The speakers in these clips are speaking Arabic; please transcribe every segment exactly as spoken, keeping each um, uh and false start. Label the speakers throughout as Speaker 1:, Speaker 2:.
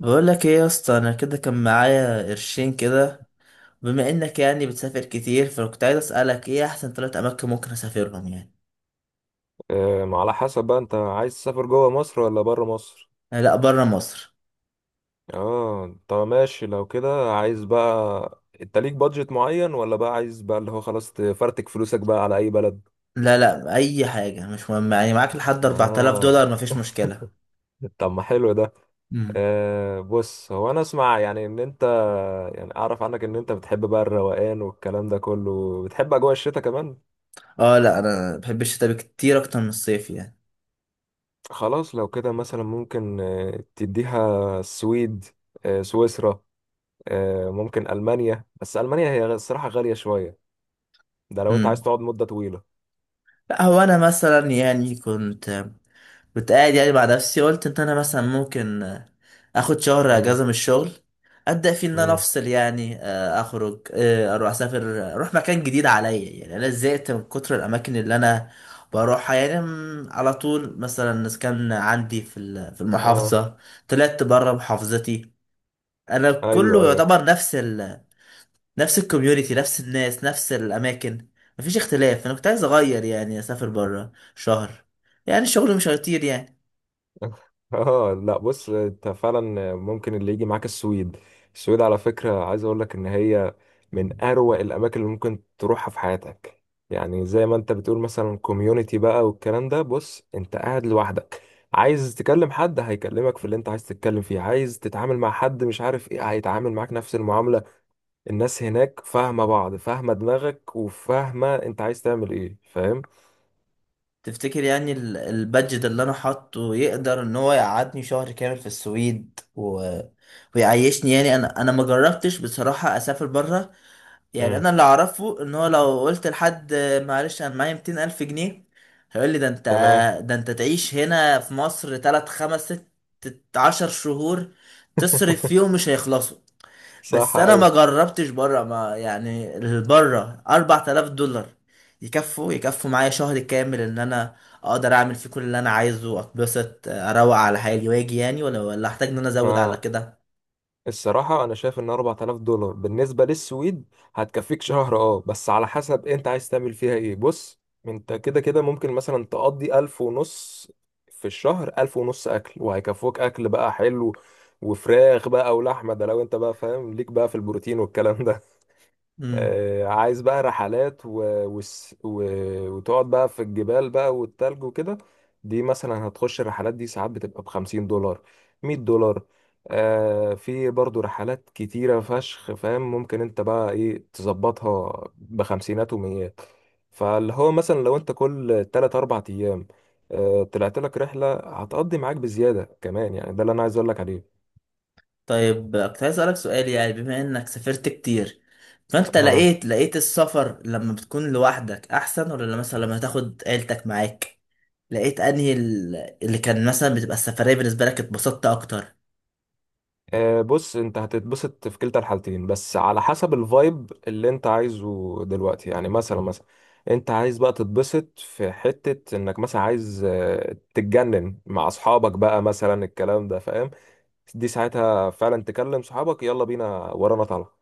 Speaker 1: بقول لك ايه يا اسطى، انا كده كان معايا قرشين كده. بما انك يعني بتسافر كتير، فكنت عايز اسالك ايه احسن ثلاث اماكن ممكن اسافرهم يعني؟
Speaker 2: آم، على حسب بقى انت عايز تسافر جوه مصر ولا بره مصر؟
Speaker 1: آه، لا، بره مصر.
Speaker 2: اه طب ماشي لو كده، عايز بقى انت ليك بادجت معين ولا بقى عايز بقى اللي هو خلاص تفرتك فلوسك بقى على اي بلد؟
Speaker 1: لا لا، اي حاجه مش مهم، يعني معاك لحد اربعة آلاف دولار
Speaker 2: اه
Speaker 1: مفيش مشكله.
Speaker 2: طب ما حلو ده.
Speaker 1: امم.
Speaker 2: آه بص، هو انا اسمع يعني ان انت، يعني اعرف عنك ان انت بتحب بقى الروقان والكلام ده كله، بتحب اجواء الشتاء كمان.
Speaker 1: اه، لا انا بحب الشتاء كتير اكتر من الصيف يعني.
Speaker 2: خلاص لو كده مثلا ممكن آه، تديها السويد، آه، سويسرا، آه، ممكن ألمانيا، بس ألمانيا هي الصراحة غالية شوية، ده لو أنت
Speaker 1: امم.
Speaker 2: عايز تقعد مدة طويلة.
Speaker 1: لا هو انا مثلا يعني كنت كنت قاعد يعني مع نفسي، قلت ان انا مثلا ممكن آه، اخد شهر
Speaker 2: امم
Speaker 1: اجازه من الشغل، ابدا فيه، ان انا
Speaker 2: امم.
Speaker 1: افصل يعني، آه، اخرج، آه، اروح اسافر، آه، اروح مكان جديد عليا. يعني انا زهقت من كتر الاماكن اللي انا بروحها يعني. م، على طول مثلا كان عندي في ال- في
Speaker 2: اه
Speaker 1: المحافظه، طلعت بره محافظتي. انا
Speaker 2: ايوه
Speaker 1: كله
Speaker 2: ايوه.
Speaker 1: يعتبر نفس ال نفس الكوميونتي، نفس الناس، نفس الاماكن، مفيش اختلاف. انا كنت عايز اغير يعني، اسافر بره شهر، يعني الشغل مش هيطير يعني.
Speaker 2: اه لا بص، انت فعلا ممكن اللي يجي معاك السويد. السويد على فكرة عايز اقول لك ان هي من اروع الاماكن اللي ممكن تروحها في حياتك. يعني زي ما انت بتقول مثلا كوميونتي بقى والكلام ده، بص انت قاعد لوحدك، عايز تكلم حد هيكلمك في اللي انت عايز تتكلم فيه، عايز تتعامل مع حد مش عارف ايه هيتعامل معاك نفس المعاملة. الناس هناك فاهمة بعض، فاهمة دماغك، وفاهمة انت عايز تعمل ايه، فاهم؟
Speaker 1: تفتكر يعني ال- البادجت اللي انا حاطه يقدر ان هو يقعدني شهر كامل في السويد و... ويعيشني؟ يعني انا انا ما جربتش بصراحة اسافر بره. يعني
Speaker 2: امم،
Speaker 1: انا اللي اعرفه ان هو لو قلت لحد معلش انا معايا ميتين الف جنيه الف جنيه، هيقول لي: ده انت،
Speaker 2: تمام.
Speaker 1: ده انت تعيش هنا في مصر ثلاثة خمسة ستة عشرة شهور، تصرف فيهم مش هيخلصوا.
Speaker 2: صح
Speaker 1: بس انا ما
Speaker 2: ايوه.
Speaker 1: جربتش بره، ما يعني بره اربعة آلاف دولار يكفوا يكفوا معايا شهر كامل، ان انا اقدر اعمل فيه كل اللي انا عايزه، اتبسط اروق على حالي واجي يعني، ولا ولا احتاج ان انا ازود على
Speaker 2: ما
Speaker 1: كده؟
Speaker 2: الصراحة انا شايف ان أربعة آلاف دولار بالنسبة للسويد هتكفيك شهر، اه بس على حسب انت عايز تعمل فيها ايه. بص انت كده كده ممكن مثلا تقضي ألف ونص في الشهر، ألف ونص اكل وهيكفوك اكل بقى حلو وفراخ بقى ولحمة، ده لو انت بقى فاهم ليك بقى في البروتين والكلام.
Speaker 1: امم.
Speaker 2: آه، عايز بقى رحلات و... وس- و... وتقعد بقى في الجبال بقى والتلج وكده، دي مثلا هتخش الرحلات دي ساعات بتبقى بخمسين دولار، مية دولار. آه في برضو رحلات كتيرة فشخ، فاهم؟ ممكن انت بقى ايه تظبطها بخمسينات وميات. فاللي هو مثلا لو انت كل تلات أربع أيام آه طلعت لك رحلة هتقضي معاك بزيادة كمان، يعني ده اللي أنا عايز أقول لك عليه.
Speaker 1: طيب، كنت عايز اسالك سؤال، يعني بما انك سافرت كتير، فانت لقيت لقيت السفر لما بتكون لوحدك احسن، ولا لما- مثلا لما تاخد عيلتك معاك؟ لقيت انهي ال- اللي كان مثلا بتبقى السفرية بالنسبة لك اتبسطت اكتر؟
Speaker 2: آه، بص انت هتتبسط في كلتا الحالتين، بس على حسب الفايب اللي انت عايزه دلوقتي. يعني مثلا مثلا انت عايز بقى تتبسط في حتة انك مثلا عايز آه، تتجنن مع اصحابك بقى مثلا، الكلام ده فاهم؟ دي ساعتها فعلا تكلم صحابك يلا بينا ورانا طالعة.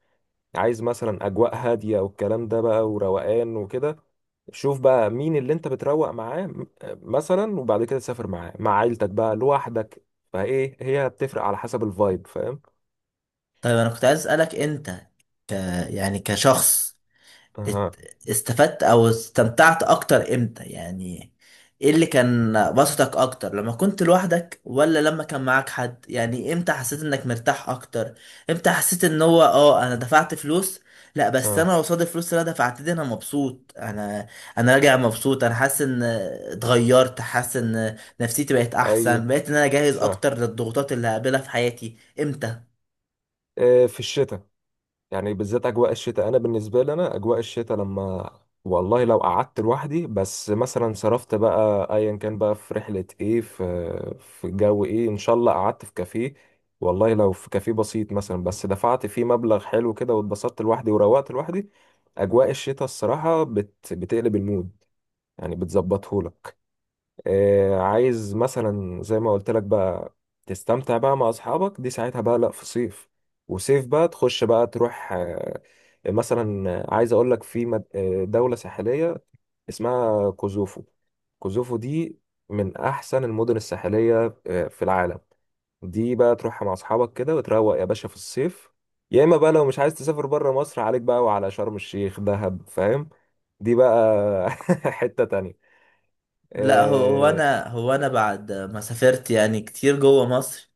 Speaker 2: عايز مثلا اجواء هادية والكلام ده بقى وروقان وكده، شوف بقى مين اللي انت بتروق معاه م- مثلا، وبعد كده تسافر معاه مع عيلتك بقى لوحدك. فايه هي بتفرق على حسب الفايب، فاهم؟
Speaker 1: طيب انا كنت عايز اسالك انت، ك يعني كشخص، ات- استفدت او استمتعت اكتر امتى يعني؟ ايه اللي كان بسطك اكتر، لما كنت لوحدك ولا لما كان معاك حد؟ يعني امتى حسيت انك مرتاح اكتر؟ امتى حسيت ان هو اه انا دفعت فلوس، لا بس
Speaker 2: اه
Speaker 1: انا قصاد الفلوس اللي انا دفعت دي انا مبسوط، انا انا راجع مبسوط، انا حاسس ان اتغيرت، حاسس ان نفسيتي بقت
Speaker 2: ايوه
Speaker 1: احسن، بقيت ان انا جاهز
Speaker 2: صح.
Speaker 1: اكتر للضغوطات اللي هقابلها في حياتي؟ امتى؟
Speaker 2: آه، في الشتاء يعني، بالذات اجواء الشتاء، انا بالنسبه لي انا اجواء الشتاء لما، والله لو قعدت لوحدي بس مثلا صرفت بقى ايا كان بقى في رحله ايه، في في جو ايه، ان شاء الله قعدت في كافيه، والله لو في كافيه بسيط مثلا بس دفعت فيه مبلغ حلو كده واتبسطت لوحدي وروقت لوحدي، اجواء الشتاء الصراحه بت بتقلب المود، يعني بتظبطهولك. آه، عايز مثلا زي ما قلت لك بقى تستمتع بقى مع اصحابك، دي ساعتها بقى. لا في صيف، وصيف بقى تخش بقى تروح، آه، مثلا آه، عايز اقول لك في مد- آه، دولة ساحلية اسمها كوزوفو. كوزوفو دي من احسن المدن الساحلية آه، في العالم. دي بقى تروحها مع اصحابك كده وتروق يا باشا في الصيف. يا اما بقى لو مش عايز تسافر بره مصر، عليك بقى وعلى شرم الشيخ، دهب، فاهم؟ دي بقى حتة تانية.
Speaker 1: لا هو هو
Speaker 2: آه،
Speaker 1: انا هو انا بعد ما سافرت يعني كتير جوه مصر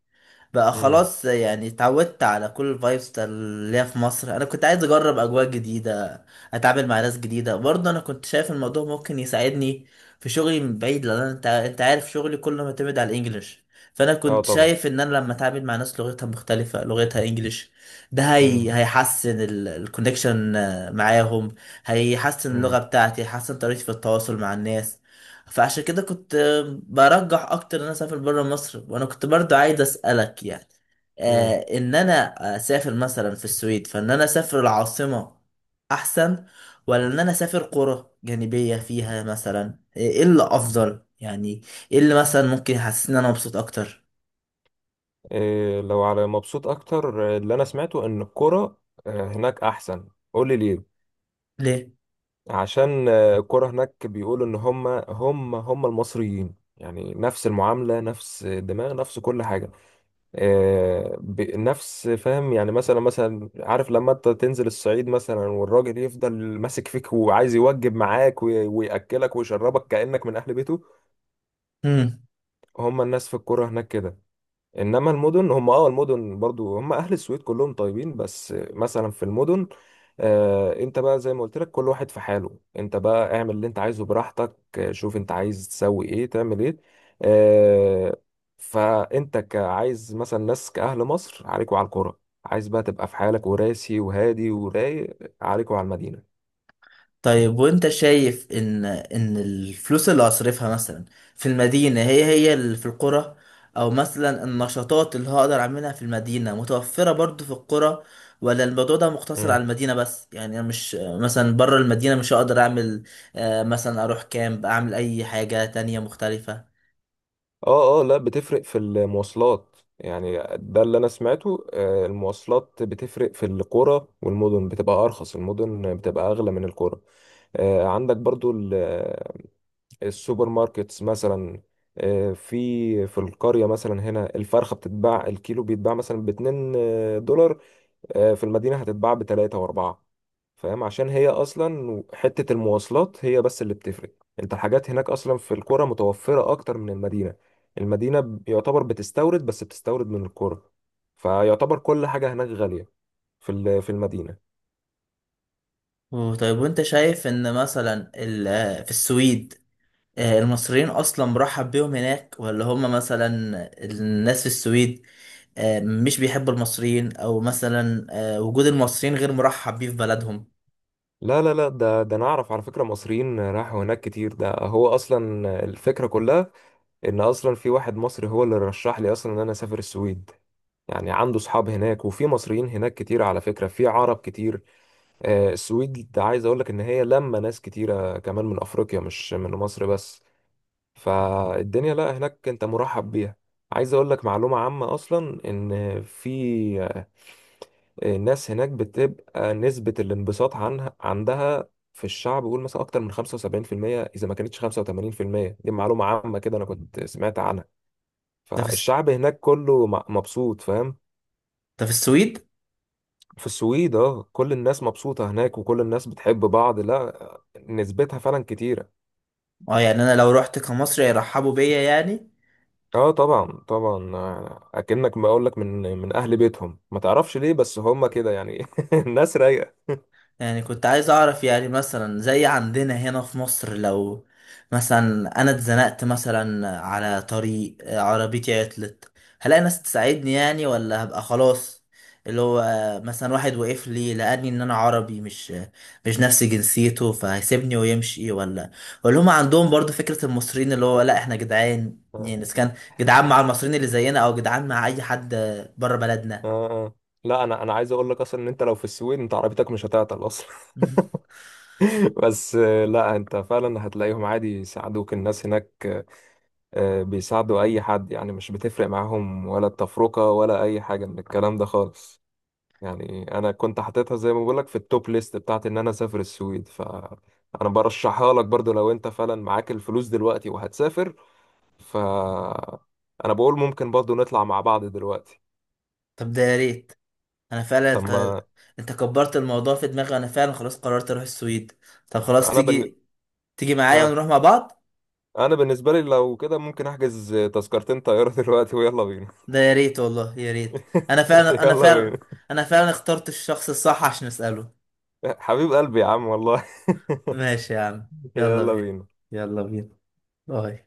Speaker 1: بقى
Speaker 2: مم.
Speaker 1: خلاص، يعني اتعودت على كل الفايبس بتاع اللي هي في مصر. انا كنت عايز اجرب اجواء جديده، اتعامل مع ناس جديده برضه. انا كنت شايف الموضوع ممكن يساعدني في شغلي من بعيد، لان أنا- انت انت عارف شغلي كله معتمد على الانجليش. فانا
Speaker 2: اه
Speaker 1: كنت
Speaker 2: طبعا.
Speaker 1: شايف ان انا لما اتعامل مع ناس لغتها مختلفه، لغتها انجليش، ده
Speaker 2: امم
Speaker 1: هي هيحسن الكونكشن معاهم، هيحسن اللغه
Speaker 2: امم
Speaker 1: بتاعتي، هيحسن طريقتي في التواصل مع الناس. فعشان كده كنت برجح اكتر ان انا اسافر بره مصر. وانا كنت برضو عايز اسالك يعني، آه
Speaker 2: امم
Speaker 1: ان انا اسافر مثلا في السويد، فان انا اسافر العاصمه احسن، ولا ان انا اسافر قرى جانبيه فيها؟ مثلا ايه اللي افضل يعني؟ ايه اللي مثلا ممكن يحسسني ان انا مبسوط اكتر؟
Speaker 2: إيه لو على مبسوط اكتر، آه، اللي انا سمعته ان الكرة آه، هناك احسن. قول لي ليه؟
Speaker 1: ليه؟
Speaker 2: عشان آه، الكرة هناك بيقولوا ان هم هم هم المصريين، يعني نفس المعاملة، نفس الدماغ، نفس كل حاجة، آه، ب- نفس، فاهم؟ يعني مثلا مثلا عارف لما انت تنزل الصعيد مثلا، والراجل يفضل ماسك فيك وعايز يوجب معاك وي- ويأكلك ويشربك كأنك من أهل بيته،
Speaker 1: مم.
Speaker 2: هم الناس في الكرة هناك كده. انما المدن، هم اه المدن برضو هم اهل السويد كلهم طيبين، بس مثلا في المدن آه انت بقى زي ما قلت لك كل واحد في حاله، انت بقى اعمل اللي انت عايزه براحتك، آه، شوف انت عايز تسوي ايه، تعمل ايه، آه فانت كعايز مثلا ناس كاهل مصر، عليكوا على القرى. عايز بقى تبقى في حالك وراسي وهادي ورايق، عليكوا على المدينة.
Speaker 1: طيب، وانت شايف ان ان الفلوس اللي هصرفها مثلا في المدينة هي هي اللي في القرى؟ او مثلا النشاطات اللي هقدر اعملها في المدينة متوفرة برضو في القرى، ولا الموضوع ده مقتصر على المدينة بس؟ يعني انا مش مثلا بره المدينة مش هقدر اعمل آه، مثلا اروح كامب، اعمل اي حاجة تانية مختلفة؟
Speaker 2: اه اه لا بتفرق في المواصلات، يعني ده اللي انا سمعته. آه، المواصلات بتفرق في القرى والمدن، بتبقى ارخص، المدن بتبقى اغلى من القرى. آه، عندك برضو ال- السوبر ماركتس مثلا، آه، في في القرية مثلا هنا الفرخة بتتباع، الكيلو بيتباع مثلا باتنين آه، دولار، آه، في المدينة هتتباع بتلاتة وأربعة، فاهم؟ عشان هي أصلا حتة المواصلات هي بس اللي بتفرق. أنت الحاجات هناك أصلا في القرى متوفرة أكتر من المدينة، المدينة ب- يعتبر بتستورد، بس بتستورد من القرى، فيعتبر كل حاجة هناك غالية في ال- في المدينة.
Speaker 1: طيب، وانت شايف ان مثلا ال- آه، في السويد، آه، المصريين اصلا مرحب بيهم هناك، ولا هم مثلا الناس في السويد آه، مش بيحبوا المصريين، او مثلا آه، وجود المصريين غير مرحب بيه في بلدهم؟
Speaker 2: لا لا لا ده ده أنا أعرف على فكرة، مصريين راحوا هناك كتير، ده هو أصلا الفكرة كلها، إن أصلا في واحد مصري هو اللي رشح لي أصلا إن أنا أسافر السويد. يعني عنده صحاب هناك، وفي مصريين هناك كتير على فكرة، في عرب كتير. آه، السويد عايز اقول لك ان هي لما ناس كتيره كمان من افريقيا، مش من مصر بس، فالدنيا لا هناك انت مرحب بيها. عايز اقول لك معلومه عامه اصلا ان في آه، الناس هناك بتبقى نسبه الانبساط عنها عندها في الشعب، بيقول مثلا اكتر من خمسة وسبعين بالمية، اذا ما كانتش خمسة وتمانين بالمية. دي معلومه عامه كده انا كنت سمعت عنها.
Speaker 1: ده في الس-
Speaker 2: فالشعب هناك كله م- مبسوط، فاهم؟
Speaker 1: ده في السويد.
Speaker 2: في السويد اه كل الناس مبسوطة هناك وكل الناس بتحب بعض، لا، نسبتها فعلا كتيرة.
Speaker 1: اه، يعني انا لو رحت كمصري يرحبوا بيا يعني؟
Speaker 2: اه طبعا طبعا، آه، اكنك ما اقول لك من من اهل بيتهم، ما تعرفش ليه بس هم كده يعني، الناس رايقة.
Speaker 1: يعني كنت عايز اعرف، يعني مثلا زي عندنا هنا في مصر، لو مثلا انا اتزنقت مثلا على طريق، آه، عربيتي عطلت، هلاقي ناس تساعدني يعني، ولا هبقى خلاص، اللي هو آه، مثلا واحد وقف لي، لقاني ان انا عربي مش آه، مش نفس جنسيته، فهيسيبني ويمشي؟ ولا ولا هم عندهم برضو فكرة المصريين اللي هو لا احنا جدعان؟
Speaker 2: اه
Speaker 1: يعني اذا كان جدعان مع المصريين اللي زينا، او جدعان مع اي حد آه، بره
Speaker 2: اه
Speaker 1: بلدنا؟
Speaker 2: آه. لا انا انا عايز اقول لك اصلا ان انت لو في السويد انت عربيتك مش هتعطل اصلا. بس آه، لا انت فعلا هتلاقيهم عادي يساعدوك، الناس هناك آه، بيساعدوا اي حد، يعني مش بتفرق معاهم ولا التفرقة ولا اي حاجة من الكلام ده خالص. يعني انا كنت حاططها زي ما بقول لك في التوب ليست بتاعت ان انا اسافر السويد، ف انا برشحها لك برضو لو انت فعلا معاك الفلوس دلوقتي وهتسافر، ف انا بقول ممكن برضو نطلع مع بعض دلوقتي.
Speaker 1: طب ده يا ريت. انا فعلا،
Speaker 2: طب
Speaker 1: انت
Speaker 2: ما
Speaker 1: انت كبرت الموضوع في دماغي، وانا فعلا خلاص قررت اروح السويد. طب خلاص،
Speaker 2: انا بن...
Speaker 1: تيجي تيجي معايا
Speaker 2: ها،
Speaker 1: ونروح مع بعض؟
Speaker 2: انا بالنسبه لي لو كده ممكن احجز تذكرتين طياره دلوقتي ويلا بينا.
Speaker 1: ده يا ريت والله، يا ريت. انا فعلا انا
Speaker 2: يلا
Speaker 1: فعلا
Speaker 2: بينا،
Speaker 1: انا فعلا اخترت الشخص الصح عشان اساله.
Speaker 2: حبيب قلبي يا عم والله.
Speaker 1: ماشي يا عم، يلا
Speaker 2: يلا
Speaker 1: بينا.
Speaker 2: بينا.
Speaker 1: يلا بينا. باي.